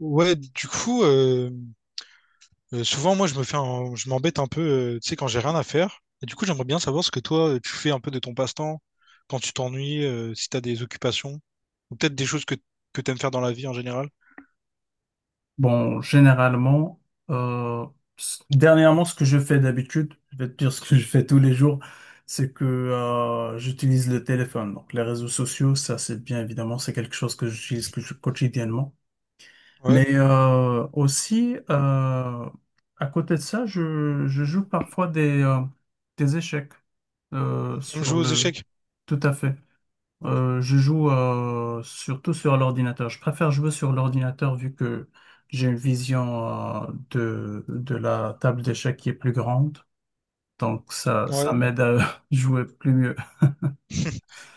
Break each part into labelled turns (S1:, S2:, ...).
S1: Ouais, du coup, souvent moi je me fais je m'embête un peu, tu sais, quand j'ai rien à faire. Et du coup, j'aimerais bien savoir ce que toi tu fais un peu de ton passe-temps quand tu t'ennuies, si t'as des occupations, ou peut-être des choses que t'aimes faire dans la vie en général.
S2: Bon, généralement, euh, dernièrement, ce que je fais d'habitude, je vais te dire ce que je fais tous les jours, c'est que j'utilise le téléphone. Donc, les réseaux sociaux, ça, c'est bien évidemment, c'est quelque chose que j'utilise quotidiennement.
S1: Ouais.
S2: Mais aussi, à côté de ça, je joue parfois des échecs euh,
S1: T'aimes
S2: sur
S1: jouer aux
S2: le...
S1: échecs?
S2: Tout à fait. Je joue surtout sur l'ordinateur. Je préfère jouer sur l'ordinateur vu que j'ai une vision de la table d'échecs qui est plus grande. Donc ça
S1: Ouais.
S2: m'aide à jouer plus mieux.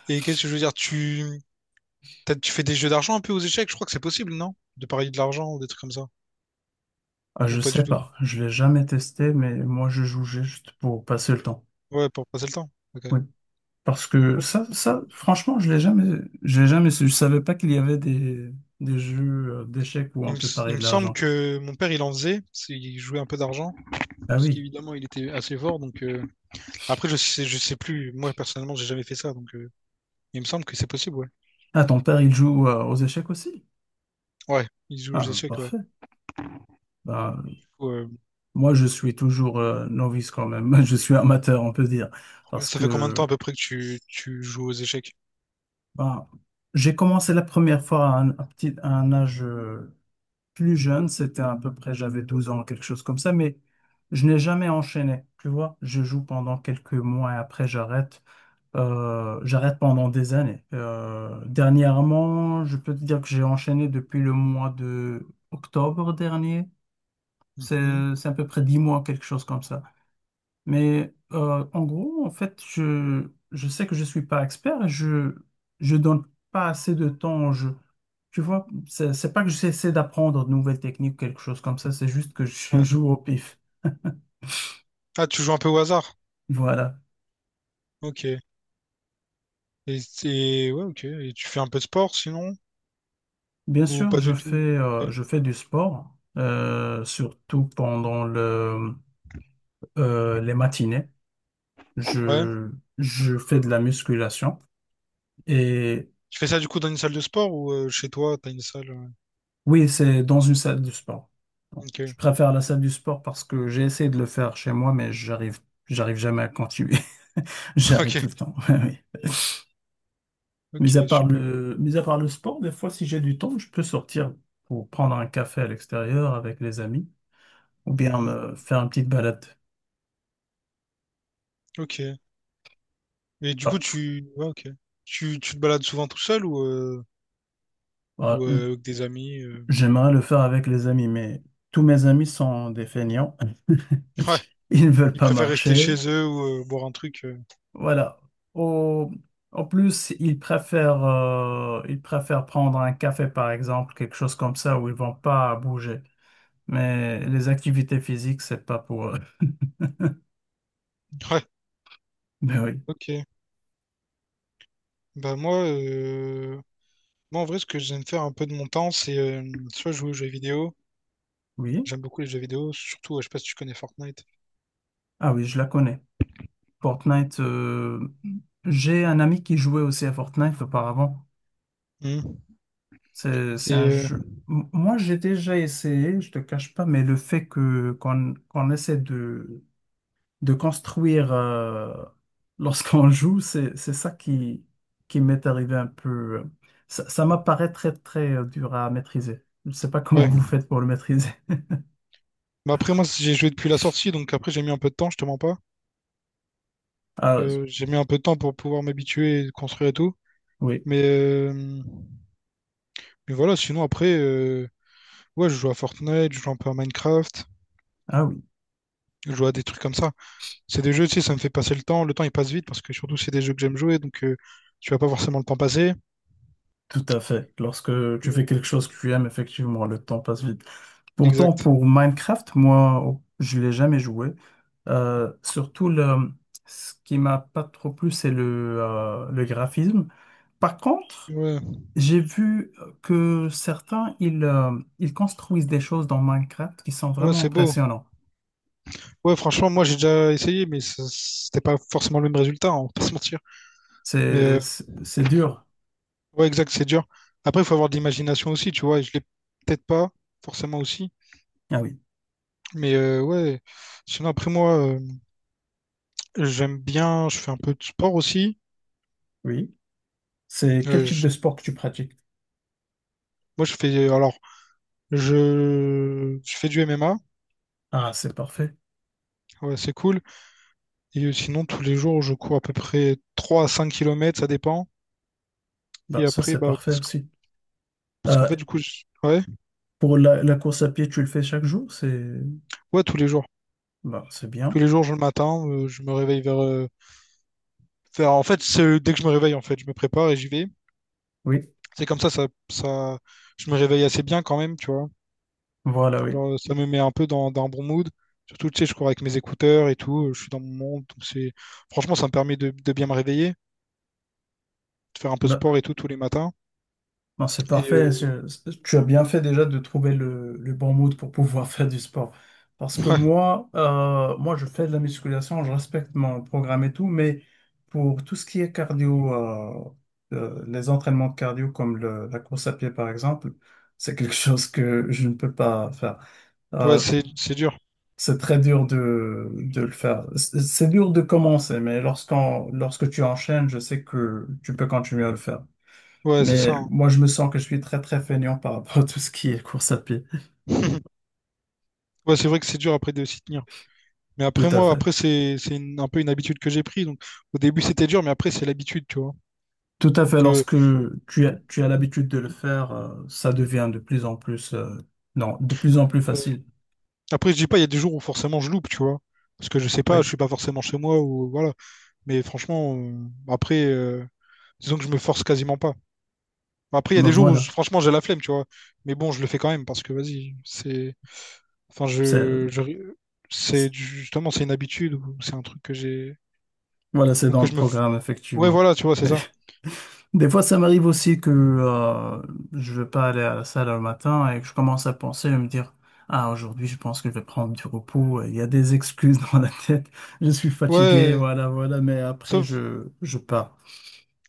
S1: Et qu'est-ce que je veux dire? Tu Peut-être tu fais des jeux d'argent un peu aux échecs, je crois que c'est possible, non? De parier de l'argent ou des trucs comme ça.
S2: Ah, je
S1: Ou pas du
S2: sais
S1: tout?
S2: pas, je l'ai jamais testé, mais moi je joue juste pour passer le temps.
S1: Ouais, pour passer le temps. Ok.
S2: Oui, parce que
S1: Ok.
S2: ça, franchement, je l'ai jamais su. Je savais pas qu'il y avait des jeux d'échecs où on peut
S1: Il
S2: parier
S1: me
S2: de
S1: semble
S2: l'argent.
S1: que mon père, il en faisait. Il jouait un peu d'argent.
S2: Ah
S1: Parce
S2: oui.
S1: qu'évidemment, il était assez fort. Donc, après, je sais plus. Moi, personnellement, j'ai jamais fait ça. Donc, il me semble que c'est possible, ouais.
S2: Ah, ton père, il joue aux échecs aussi?
S1: Ouais, il joue aux
S2: Ah,
S1: échecs, ouais.
S2: parfait. Ben,
S1: Ouais,
S2: moi, je suis toujours novice quand même. Je suis amateur, on peut dire.
S1: ouais.
S2: Parce
S1: Ça fait combien de temps
S2: que
S1: à peu près que tu joues aux échecs?
S2: ben, j'ai commencé la première fois à un âge plus jeune. C'était à peu près, j'avais 12 ans, quelque chose comme ça. Mais je n'ai jamais enchaîné. Tu vois, je joue pendant quelques mois et après, j'arrête. J'arrête pendant des années. Dernièrement, je peux te dire que j'ai enchaîné depuis le mois de octobre dernier.
S1: Mhm.
S2: C'est à peu près 10 mois, quelque chose comme ça. Mais en gros, en fait, je sais que je ne suis pas expert et je donne pas assez de temps au jeu. Tu vois, c'est pas que j'essaie d'apprendre de nouvelles techniques, quelque chose comme ça, c'est juste que je
S1: Ouais.
S2: joue au pif.
S1: Ah, tu joues un peu au hasard?
S2: Voilà.
S1: Ok. Et, ouais, ok. Et tu fais un peu de sport sinon?
S2: Bien
S1: Ou
S2: sûr,
S1: pas du tout? Ok.
S2: je fais du sport, surtout pendant les matinées.
S1: Ouais.
S2: Je, je fais de la musculation et
S1: Tu fais ça du coup dans une salle de sport ou chez toi, t'as une salle?
S2: Oui, c'est dans une salle du sport. Bon, je
S1: Ok.
S2: préfère la salle du sport parce que j'ai essayé de le faire chez moi, mais j'arrive jamais à continuer. J'arrête
S1: Ok.
S2: tout le temps. Oui.
S1: Ok,
S2: Mais
S1: super.
S2: mis à part le sport, des fois, si j'ai du temps, je peux sortir pour prendre un café à l'extérieur avec les amis ou bien
S1: Mhm.
S2: me faire une petite balade.
S1: Ok. Et du coup,
S2: Ah,
S1: ouais, ok. Tu te balades souvent tout seul, ou, euh,
S2: ah,
S1: ou
S2: j-
S1: euh, avec des amis?
S2: j'aimerais le faire avec les amis, mais tous mes amis sont des feignants.
S1: Ouais,
S2: Ils ne veulent
S1: ils
S2: pas
S1: préfèrent rester
S2: marcher.
S1: chez eux ou boire un truc.
S2: Voilà. Au- En plus, ils préfèrent prendre un café, par exemple, quelque chose comme ça, où ils vont pas bouger. Mais les activités physiques, c'est pas pour eux.
S1: Ouais,
S2: Mais oui.
S1: ok. Bah moi, en vrai, ce que j'aime faire un peu de mon temps, c'est soit jouer aux jeux vidéo.
S2: Oui.
S1: J'aime beaucoup les jeux vidéo, surtout, je sais pas si tu connais Fortnite.
S2: Ah oui, je la connais. Fortnite, j'ai un ami qui jouait aussi à Fortnite auparavant.
S1: Mhm.
S2: C'est
S1: Et
S2: un jeu. Moi, j'ai déjà essayé, je te cache pas, mais le fait que qu'on qu'on essaie de construire lorsqu'on joue, c'est ça qui m'est arrivé un peu. Ça, ça m'apparaît très, très dur à maîtriser. Je ne sais pas comment vous
S1: ouais.
S2: faites pour le maîtriser.
S1: Bah après, moi, j'ai joué depuis la sortie, donc après, j'ai mis un peu de temps, je te mens pas.
S2: Ah
S1: J'ai mis un peu de temps pour pouvoir m'habituer et construire et tout.
S2: oui,
S1: Mais... euh, Mais voilà, sinon après, ouais, je joue à Fortnite, je joue un peu à Minecraft,
S2: ah oui,
S1: je joue à des trucs comme ça. C'est des jeux, tu sais, ça me fait passer le temps. Le temps, il passe vite parce que surtout, c'est des jeux que j'aime jouer, donc tu vas pas forcément le temps passer.
S2: tout à fait. Lorsque tu fais quelque chose que tu aimes, effectivement, le temps passe vite. Pourtant,
S1: Exact.
S2: pour Minecraft, moi, oh, je l'ai jamais joué. Surtout, ce qui m'a pas trop plu, c'est le graphisme. Par contre,
S1: Ouais,
S2: j'ai vu que certains, ils construisent des choses dans Minecraft qui sont
S1: ouais,
S2: vraiment
S1: c'est beau.
S2: impressionnants.
S1: Ouais, franchement, moi, j'ai déjà essayé, mais c'était pas forcément le même résultat, hein, on va pas se mentir. Mais
S2: C'est, c'est c'est dur.
S1: ouais, exact, c'est dur. Après, il faut avoir de l'imagination aussi, tu vois, et je l'ai peut-être pas forcément aussi.
S2: Ah oui,
S1: Mais ouais, sinon, après, moi, j'aime bien, je fais un peu de sport aussi.
S2: oui. C'est quel
S1: Euh,
S2: type
S1: je-
S2: de sport que tu pratiques?
S1: Moi, je fais, alors, je fais du MMA,
S2: Ah, c'est parfait.
S1: ouais, c'est cool. Et sinon, tous les jours, je cours à peu près 3 à 5 kilomètres, ça dépend.
S2: Bah,
S1: Et
S2: ça,
S1: après,
S2: c'est
S1: bah,
S2: parfait aussi.
S1: parce qu'en
S2: Euh,
S1: fait, du coup, ouais,
S2: pour la course à pied, tu le fais chaque jour? C'est
S1: ouais, tous les jours.
S2: Bah, c'est
S1: Tous
S2: bien.
S1: les jours, je le matin, je me réveille en fait, c'est dès que je me réveille, en fait, je me prépare et j'y vais.
S2: Oui,
S1: C'est comme ça, je me réveille assez bien quand même, tu vois.
S2: voilà, oui.
S1: Genre, ça me met un peu dans un bon mood. Surtout, tu sais, je cours avec mes écouteurs et tout, je suis dans mon monde. Franchement, ça me permet de bien me réveiller, de faire un peu de sport
S2: Bah.
S1: et tout tous les matins.
S2: Non, c'est
S1: Et,
S2: parfait.
S1: euh,
S2: Tu as bien fait déjà de trouver le bon mood pour pouvoir faire du sport. Parce que moi, je fais de la musculation, je respecte mon programme et tout, mais pour tout ce qui est cardio, les entraînements de cardio comme la course à pied par exemple, c'est quelque chose que je ne peux pas faire.
S1: Ouais,
S2: Euh,
S1: c'est dur.
S2: c'est très dur de le faire. C'est dur de commencer, mais lorsque tu enchaînes, je sais que tu peux continuer à le faire.
S1: Ouais, c'est ça.
S2: Mais
S1: hein.
S2: moi, je me sens que je suis très, très feignant par rapport à tout ce qui est course à pied.
S1: Ouais, c'est vrai que c'est dur après de s'y tenir. Mais
S2: Tout
S1: après
S2: à
S1: moi,
S2: fait.
S1: après c'est un peu une habitude que j'ai prise. Donc au début c'était dur, mais après c'est l'habitude, tu vois.
S2: Tout à fait.
S1: Donc
S2: Lorsque tu as l'habitude de le faire, ça devient de plus en plus, non, de plus en plus facile.
S1: après je dis pas, il y a des jours où forcément je loupe, tu vois, parce que je sais pas, je
S2: Oui.
S1: suis pas forcément chez moi ou voilà. Mais franchement, après disons que je me force quasiment pas. Après il y a
S2: Ben
S1: des jours où
S2: voilà.
S1: franchement j'ai la flemme, tu vois. Mais bon, je le fais quand même parce que vas-y, c'est, enfin,
S2: C'est,
S1: je c'est
S2: c'est-
S1: justement, c'est une habitude, ou c'est un truc que j'ai,
S2: voilà, c'est
S1: ou
S2: dans
S1: que
S2: le programme,
S1: ouais,
S2: effectivement.
S1: voilà, tu vois, c'est ça.
S2: Des fois, ça m'arrive aussi que je veux pas aller à la salle le matin et que je commence à penser à me dire, ah, aujourd'hui, je pense que je vais prendre du repos. Il y a des excuses dans la tête. Je suis fatigué,
S1: Ouais,
S2: voilà, voilà. Mais après,
S1: sauf,
S2: je pars.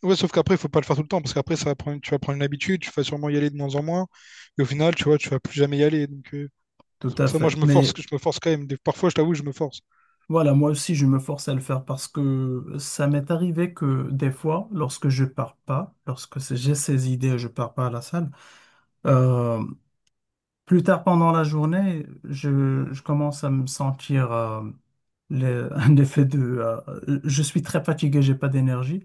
S1: ouais, sauf qu'après, il faut pas le faire tout le temps, parce qu'après, ça va prendre, tu vas prendre une habitude, tu vas sûrement y aller de moins en moins, et au final, tu vois, tu vas plus jamais y aller. Donc,
S2: Tout
S1: c'est
S2: à
S1: pour ça, moi,
S2: fait.
S1: je me force,
S2: Mais
S1: je me force quand même. Parfois, je t'avoue, je me force.
S2: voilà, moi aussi, je me force à le faire parce que ça m'est arrivé que des fois, lorsque je pars pas, lorsque j'ai ces idées, je pars pas à la salle. euh, Plus tard pendant la journée, je commence à me sentir un effet de je suis très fatigué, j'ai pas d'énergie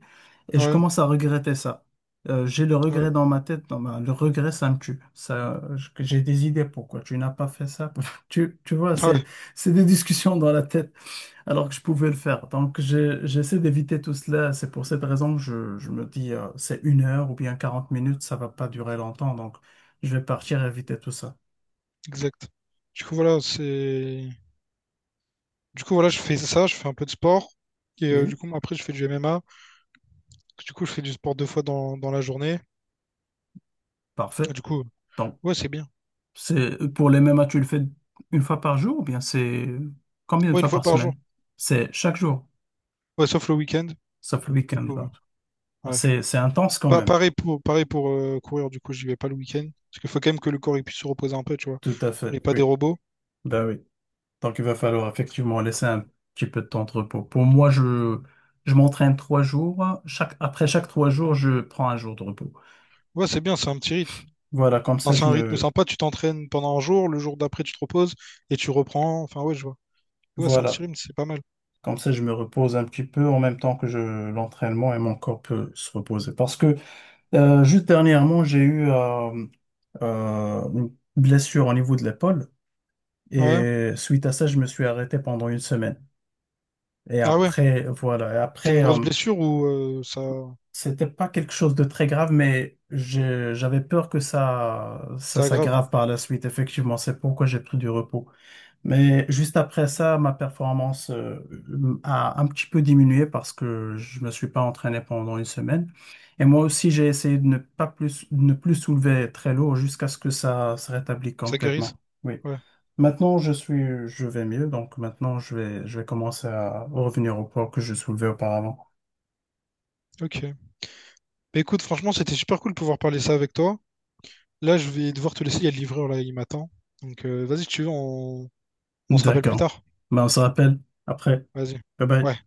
S2: et je
S1: Ouais,
S2: commence à regretter ça. J'ai le
S1: ouais,
S2: regret dans ma tête, dans le regret ça me tue. Ça, que j'ai des idées pourquoi tu n'as pas fait ça. Tu vois,
S1: ah ouais,
S2: c'est des discussions dans la tête alors que je pouvais le faire. Donc j'essaie d'éviter tout cela. C'est pour cette raison que je me dis c'est 1 heure ou bien 40 minutes, ça va pas durer longtemps. Donc je vais partir éviter tout ça.
S1: exact. Du coup, voilà, c'est. Du coup, voilà, je fais ça, je fais un peu de sport. Et du
S2: Oui.
S1: coup, après, je fais du MMA. Du coup, je fais du sport deux fois dans la journée. Et
S2: Parfait.
S1: du coup,
S2: Donc,
S1: ouais, c'est bien.
S2: c'est pour les mêmes matchs, tu le fais 1 fois par jour ou bien c'est combien de
S1: Ouais, une
S2: fois
S1: fois
S2: par
S1: par jour.
S2: semaine? C'est chaque jour,
S1: Ouais, sauf le week-end. Du
S2: sauf le week-end.
S1: coup,
S2: Là.
S1: ouais.
S2: C'est intense quand même.
S1: Pareil pour courir, du coup, j'y vais pas le week-end. Parce qu'il faut quand même que le corps il puisse se reposer un peu, tu vois.
S2: Tout à
S1: On n'est
S2: fait,
S1: pas des
S2: oui.
S1: robots.
S2: Ben oui. Donc, il va falloir effectivement laisser un petit peu de temps de repos. Pour moi, je m'entraîne 3 jours. Après chaque 3 jours, je prends un jour de repos.
S1: Ouais, c'est bien, c'est un petit rythme.
S2: Voilà, comme ça,
S1: Enfin, c'est un rythme sympa, tu t'entraînes pendant un jour, le jour d'après, tu te reposes et tu reprends. Enfin, ouais, je vois. Ouais, c'est un petit
S2: voilà.
S1: rythme, c'est pas mal.
S2: Comme ça, je me repose un petit peu en même temps que l'entraînement et mon corps peut se reposer. Parce que juste dernièrement, j'ai eu une blessure au niveau de l'épaule
S1: Ouais.
S2: et suite à ça, je me suis arrêté pendant 1 semaine. Et
S1: Ah ouais.
S2: après, voilà, et
S1: C'était une
S2: après,
S1: grosse blessure ou ça,
S2: c'était pas quelque chose de très grave, mais j'avais peur que ça
S1: ça aggrave,
S2: s'aggrave par la suite. Effectivement, c'est pourquoi j'ai pris du repos. Mais juste après ça, ma performance a un petit peu diminué parce que je me suis pas entraîné pendant 1 semaine. Et moi aussi, j'ai essayé de ne plus soulever très lourd jusqu'à ce que ça se rétablisse
S1: ça
S2: complètement.
S1: guérisse?
S2: Oui.
S1: Ouais.
S2: Maintenant, je vais mieux. Donc maintenant, je vais commencer à revenir au poids que je soulevais auparavant.
S1: Ok. Bah, écoute, franchement, c'était super cool de pouvoir parler ça avec toi. Là, je vais devoir te laisser, il y a le livreur là, il m'attend. Donc, vas-y, si tu veux, on se rappelle plus
S2: D'accord.
S1: tard.
S2: Ben, on se rappelle après.
S1: Vas-y.
S2: Bye bye.
S1: Ouais.